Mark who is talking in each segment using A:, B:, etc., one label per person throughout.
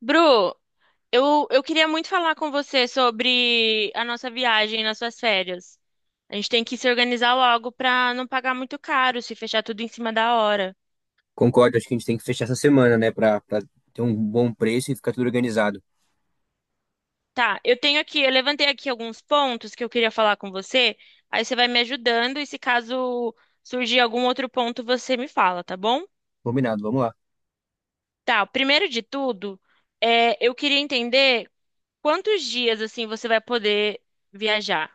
A: Bru, eu queria muito falar com você sobre a nossa viagem nas suas férias. A gente tem que se organizar logo para não pagar muito caro, se fechar tudo em cima da hora.
B: Concordo, acho que a gente tem que fechar essa semana, né, pra ter um bom preço e ficar tudo organizado.
A: Tá, eu tenho aqui, eu levantei aqui alguns pontos que eu queria falar com você, aí você vai me ajudando e se caso surgir algum outro ponto, você me fala, tá bom?
B: Combinado, vamos lá.
A: Tá, primeiro de tudo, eu queria entender quantos dias assim você vai poder viajar.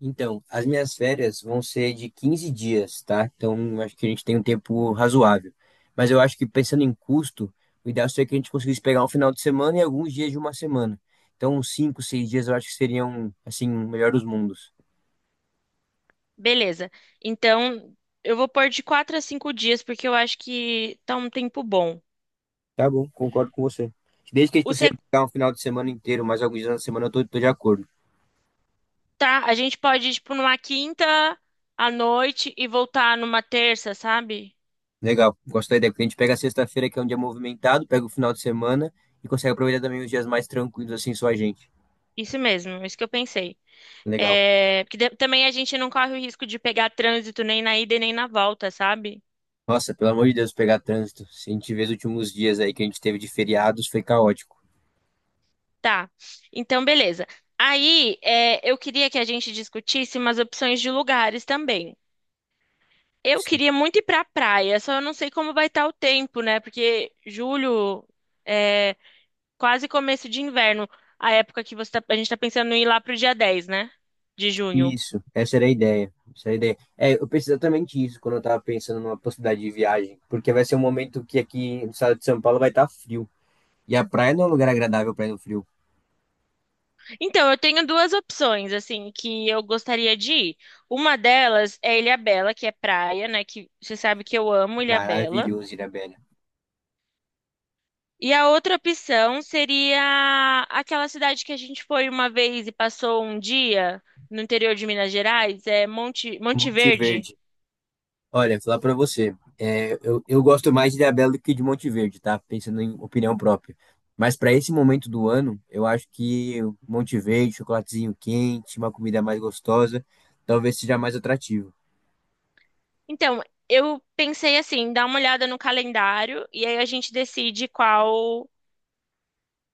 B: Então, as minhas férias vão ser de 15 dias, tá? Então, acho que a gente tem um tempo razoável. Mas eu acho que pensando em custo, o ideal seria que a gente conseguisse pegar um final de semana e alguns dias de uma semana. Então, uns 5, 6 dias eu acho que seriam, assim, o melhor dos mundos.
A: Beleza. Então, eu vou pôr de 4 a 5 dias, porque eu acho que tá um tempo bom.
B: Tá bom, concordo com você. Desde que a gente
A: O
B: consiga
A: se-
B: pegar um final de semana inteiro, mais alguns dias na semana, eu tô de acordo.
A: Tá, a gente pode ir, tipo, numa quinta à noite e voltar numa terça, sabe?
B: Legal, gosto da ideia, porque a gente pega a sexta-feira, que é um dia movimentado, pega o final de semana e consegue aproveitar também os dias mais tranquilos, assim, só a gente.
A: Isso mesmo, isso que eu pensei.
B: Legal.
A: É, porque também a gente não corre o risco de pegar trânsito nem na ida e nem na volta, sabe?
B: Nossa, pelo amor de Deus, pegar trânsito. Se a gente vê os últimos dias aí que a gente teve de feriados, foi caótico.
A: Tá. Então, beleza. Aí, eu queria que a gente discutisse umas opções de lugares também. Eu
B: Sim.
A: queria muito ir pra praia, só eu não sei como vai estar o tempo, né? Porque julho é quase começo de inverno, a época que a gente tá pensando em ir lá pro dia 10, né? De junho.
B: Isso, essa era a ideia. Essa era a ideia. É, eu pensei exatamente isso quando eu tava pensando numa possibilidade de viagem, porque vai ser um momento que aqui no estado de São Paulo vai estar frio. E a praia não é um lugar agradável para ir no frio.
A: Então, eu tenho duas opções, assim, que eu gostaria de ir. Uma delas é Ilhabela, que é praia, né? Que você sabe que eu amo Ilhabela.
B: Maravilhoso, Ilhabela.
A: E a outra opção seria aquela cidade que a gente foi uma vez e passou um dia no interior de Minas Gerais, é Monte, Monte
B: Monte
A: Verde.
B: Verde. Olha, falar pra você, é, eu gosto mais de Ilhabela do que de Monte Verde, tá? Pensando em opinião própria. Mas para esse momento do ano, eu acho que Monte Verde, chocolatezinho quente, uma comida mais gostosa, talvez seja mais atrativo.
A: Então, eu pensei assim, dá uma olhada no calendário e aí a gente decide qual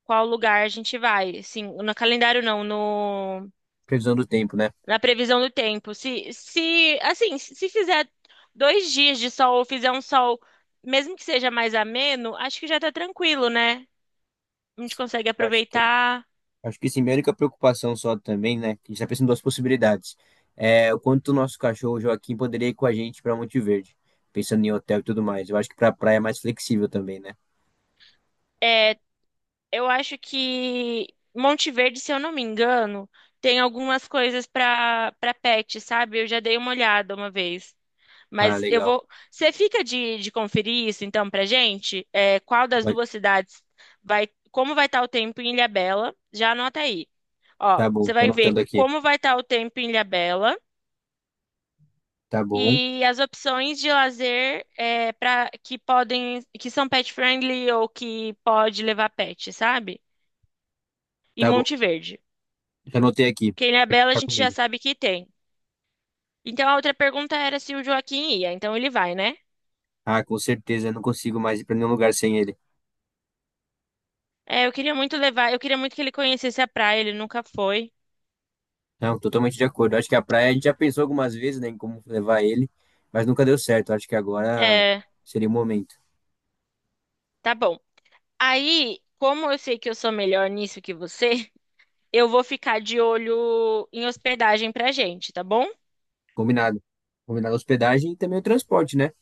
A: qual lugar a gente vai. Assim, no calendário não, no
B: Previsão do tempo, né?
A: na previsão do tempo. Se assim, se fizer 2 dias de sol ou fizer um sol, mesmo que seja mais ameno, acho que já tá tranquilo, né? A gente consegue
B: Acho que,
A: aproveitar.
B: acho que sim, minha única preocupação só também, né? Que a gente tá pensando em duas possibilidades. É o quanto o nosso cachorro Joaquim poderia ir com a gente para Monte Verde, pensando em hotel e tudo mais. Eu acho que pra praia é mais flexível também, né?
A: É, eu acho que Monte Verde, se eu não me engano, tem algumas coisas para pet, sabe? Eu já dei uma olhada uma vez.
B: Ah,
A: Mas eu
B: legal.
A: vou. Você fica de conferir isso, então, pra gente? É, qual das
B: Vai-
A: duas cidades vai. Como vai estar o tempo em Ilhabela? Já anota aí. Ó,
B: Tá bom,
A: você
B: tô
A: vai ver
B: anotando aqui.
A: como vai estar o tempo em Ilhabela
B: Tá bom.
A: e as opções de lazer é, para que podem. Que são pet friendly ou que pode levar pet, sabe? E
B: Tá bom,
A: Monte Verde.
B: já anotei aqui,
A: Porque em Ilhabela a
B: tá
A: gente já
B: comigo.
A: sabe que tem. Então a outra pergunta era se o Joaquim ia. Então ele vai, né?
B: Ah, com certeza, eu não consigo mais ir pra nenhum lugar sem ele.
A: Eu queria muito levar, eu queria muito que ele conhecesse a praia, ele nunca foi.
B: Não, totalmente de acordo. Acho que a praia a gente já pensou algumas vezes, né, em como levar ele, mas nunca deu certo. Acho que agora
A: É,
B: seria o momento.
A: tá bom. Aí, como eu sei que eu sou melhor nisso que você, eu vou ficar de olho em hospedagem pra gente, tá bom?
B: Combinado. Combinado a hospedagem e também o transporte, né?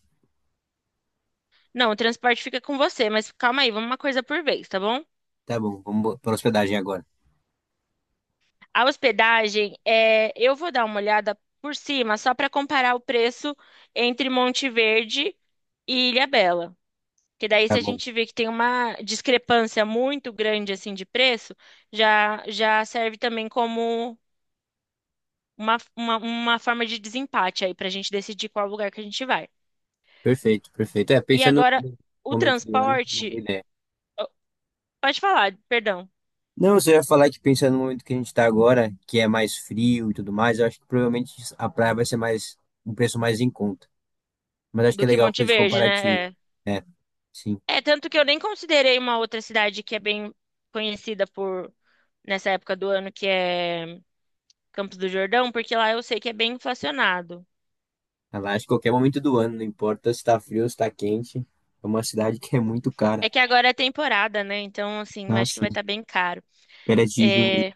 A: Não, o transporte fica com você, mas calma aí, vamos uma coisa por vez, tá bom?
B: Tá bom, vamos para hospedagem agora.
A: A hospedagem, é, eu vou dar uma olhada por cima, só pra comparar o preço entre Monte Verde e Ilhabela. Que daí, se
B: Tá
A: a
B: bom,
A: gente vê que tem uma discrepância muito grande assim de preço, já já serve também como uma forma de desempate aí para a gente decidir qual lugar que a gente vai.
B: perfeito, perfeito. É,
A: E
B: pensando
A: agora,
B: no
A: o
B: momento do ano, uma boa
A: transporte,
B: ideia.
A: pode falar, perdão,
B: Não, você ia falar que pensando no momento que a gente está agora, que é mais frio e tudo mais, eu acho que provavelmente a praia vai ser mais, um preço mais em conta. Mas acho que é
A: do que
B: legal
A: Monte
B: fazer esse
A: Verde, né?
B: comparativo.
A: É.
B: É, sim.
A: Tanto que eu nem considerei uma outra cidade que é bem conhecida por nessa época do ano, que é Campos do Jordão, porque lá eu sei que é bem inflacionado.
B: Ela acha que qualquer momento do ano, não importa se tá frio ou se tá quente, é uma cidade que é muito cara.
A: É que agora é temporada, né? Então, assim, eu
B: Ah,
A: acho que
B: sim.
A: vai estar bem caro.
B: Pérez de Jundiaí.
A: É,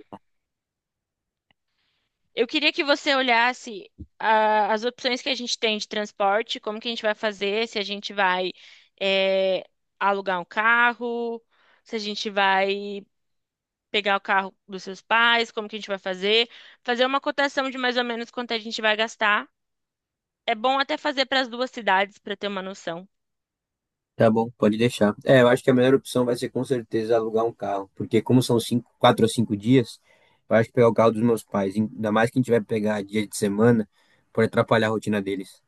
A: Eu queria que você olhasse as opções que a gente tem de transporte, como que a gente vai fazer, se a gente vai é, alugar um carro, se a gente vai pegar o carro dos seus pais, como que a gente vai fazer, fazer uma cotação de mais ou menos quanto a gente vai gastar. É bom até fazer para as duas cidades para ter uma noção.
B: Tá bom, pode deixar. É, eu acho que a melhor opção vai ser com certeza alugar um carro, porque como são 5, 4 ou 5 dias, eu acho que pegar o carro dos meus pais, ainda mais que a gente vai pegar dia de semana, pode atrapalhar a rotina deles.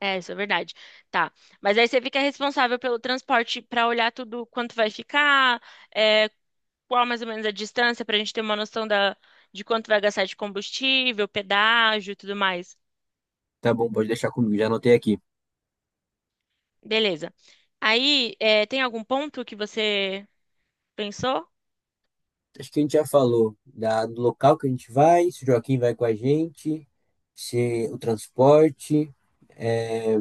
A: É, isso é verdade. Tá. Mas aí você fica responsável pelo transporte para olhar tudo quanto vai ficar, é, qual mais ou menos a distância para a gente ter uma noção da, de quanto vai gastar de combustível, pedágio e tudo mais.
B: Tá bom, pode deixar comigo, já anotei aqui.
A: Beleza. Aí, tem algum ponto que você pensou?
B: Acho que a gente já falou da, do local que a gente vai, se o Joaquim vai com a gente, se o transporte. é,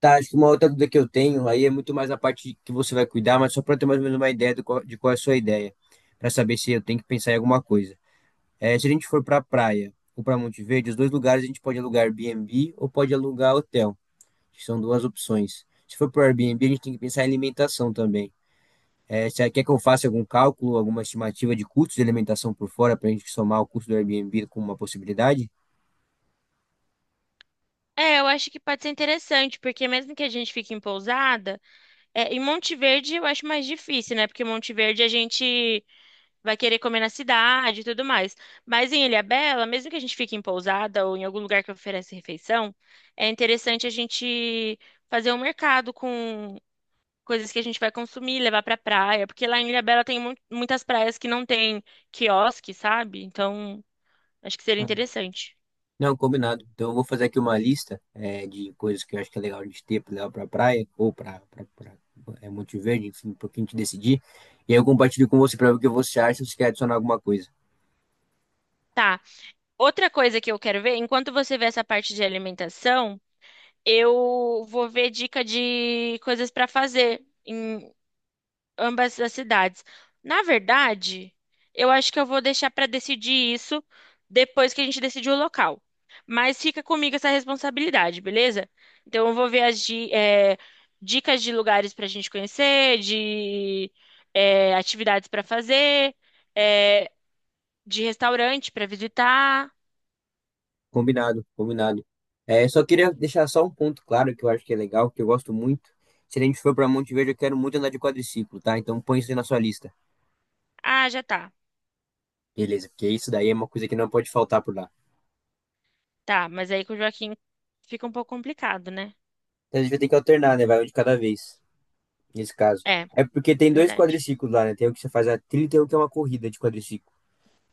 B: Tá, acho que uma outra dúvida que eu tenho aí é muito mais a parte que você vai cuidar, mas só para ter mais ou menos uma ideia do qual- de qual é a sua ideia, para saber se eu tenho que pensar em alguma coisa. É, se a gente for para a praia ou para Monte Verde, os dois lugares a gente pode alugar Airbnb ou pode alugar hotel, que são duas opções. Se for para Airbnb, a gente tem que pensar em alimentação também. É, você quer que eu faça algum cálculo, alguma estimativa de custos de alimentação por fora para a gente somar o custo do Airbnb com uma possibilidade?
A: Eu acho que pode ser interessante, porque mesmo que a gente fique em pousada, em Monte Verde eu acho mais difícil, né? Porque em Monte Verde a gente vai querer comer na cidade e tudo mais. Mas em Ilhabela, mesmo que a gente fique em pousada ou em algum lugar que oferece refeição, é interessante a gente fazer um mercado com coisas que a gente vai consumir, levar pra praia, porque lá em Ilhabela tem muitas praias que não tem quiosque, sabe? Então, acho que seria
B: Ah,
A: interessante.
B: não, combinado. Então eu vou fazer aqui uma lista é, de coisas que eu acho que é legal a gente ter para levar para a praia ou para Monte Verde, enfim, para que a gente decidir. E aí eu compartilho com você para ver o que você acha, se você quer adicionar alguma coisa.
A: Tá. Outra coisa que eu quero ver, enquanto você vê essa parte de alimentação, eu vou ver dica de coisas pra fazer. Ambas as cidades. Na verdade, eu acho que eu vou deixar para decidir isso depois que a gente decidir o local. Mas fica comigo essa responsabilidade, beleza? Então eu vou ver as dicas de lugares para a gente conhecer, de atividades para fazer, eh, de restaurante para visitar.
B: Combinado, combinado. É, só queria deixar só um ponto claro que eu acho que é legal, que eu gosto muito. Se a gente for para Monte Verde, eu quero muito andar de quadriciclo, tá? Então põe isso aí na sua lista.
A: Ah, já tá.
B: Beleza, porque isso daí é uma coisa que não pode faltar por lá.
A: Tá, mas aí com o Joaquim fica um pouco complicado, né?
B: Então a gente vai ter que alternar, né? Vai um de cada vez, nesse caso.
A: É,
B: É porque tem dois
A: verdade.
B: quadriciclos lá, né? Tem o que você faz a trilha e tem o que é uma corrida de quadriciclo.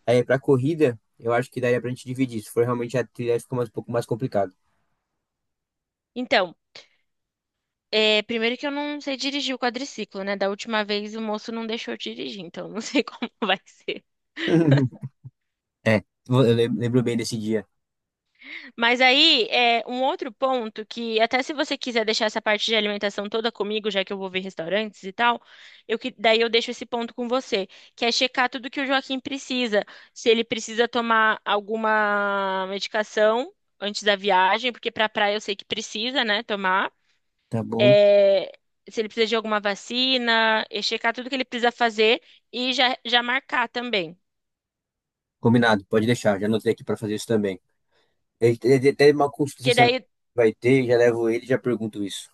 B: Aí pra corrida, eu acho que daria pra gente dividir. Se for realmente a trilha, fica mais, um pouco mais complicado.
A: Então, primeiro que eu não sei dirigir o quadriciclo, né? Da última vez o moço não deixou eu dirigir, então eu não sei como vai ser.
B: É, eu lembro bem desse dia.
A: Mas aí, um outro ponto que, até se você quiser deixar essa parte de alimentação toda comigo, já que eu vou ver restaurantes e tal, daí eu deixo esse ponto com você, que é checar tudo que o Joaquim precisa. Se ele precisa tomar alguma medicação antes da viagem, porque pra praia eu sei que precisa, né, tomar.
B: Tá bom.
A: é, Se ele precisa de alguma vacina, e checar tudo que ele precisa fazer e já marcar também.
B: Combinado, pode deixar. Já anotei aqui pra fazer isso também. Até uma consulta essa
A: Que
B: semana
A: daí,
B: que vai ter, já levo ele e já pergunto isso.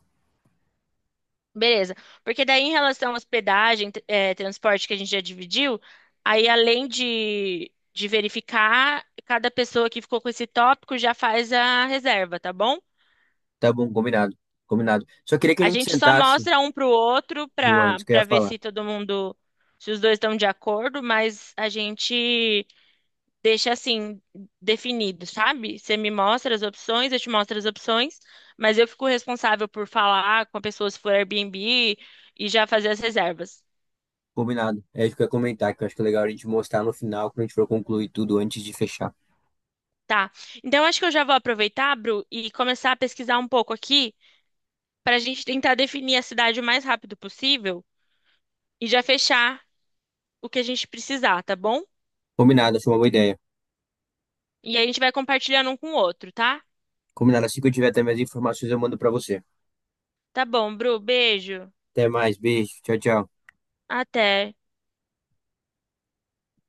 A: beleza. Porque daí, em relação à hospedagem, transporte que a gente já dividiu, aí além de verificar, cada pessoa que ficou com esse tópico já faz a reserva, tá bom?
B: Tá bom, combinado. Combinado. Só queria que a
A: A
B: gente
A: gente só
B: sentasse,
A: mostra um pro outro
B: Luan,
A: para
B: isso que eu ia
A: para ver
B: falar.
A: se todo mundo, se os dois estão de acordo, mas a gente deixa assim definido, sabe? Você me mostra as opções, eu te mostro as opções, mas eu fico responsável por falar com a pessoa se for Airbnb e já fazer as reservas.
B: Combinado. É isso que eu ia comentar, que eu acho que é legal a gente mostrar no final, quando a gente for concluir tudo antes de fechar.
A: Tá. Então acho que eu já vou aproveitar, Bru, e começar a pesquisar um pouco aqui para a gente tentar definir a cidade o mais rápido possível e já fechar o que a gente precisar, tá bom?
B: Combinado, achei uma boa ideia.
A: E aí a gente vai compartilhando um com o outro, tá?
B: Combinado, assim que eu tiver até minhas informações, eu mando pra você.
A: Tá bom, Bru, beijo.
B: Até mais, beijo, tchau, tchau.
A: Até.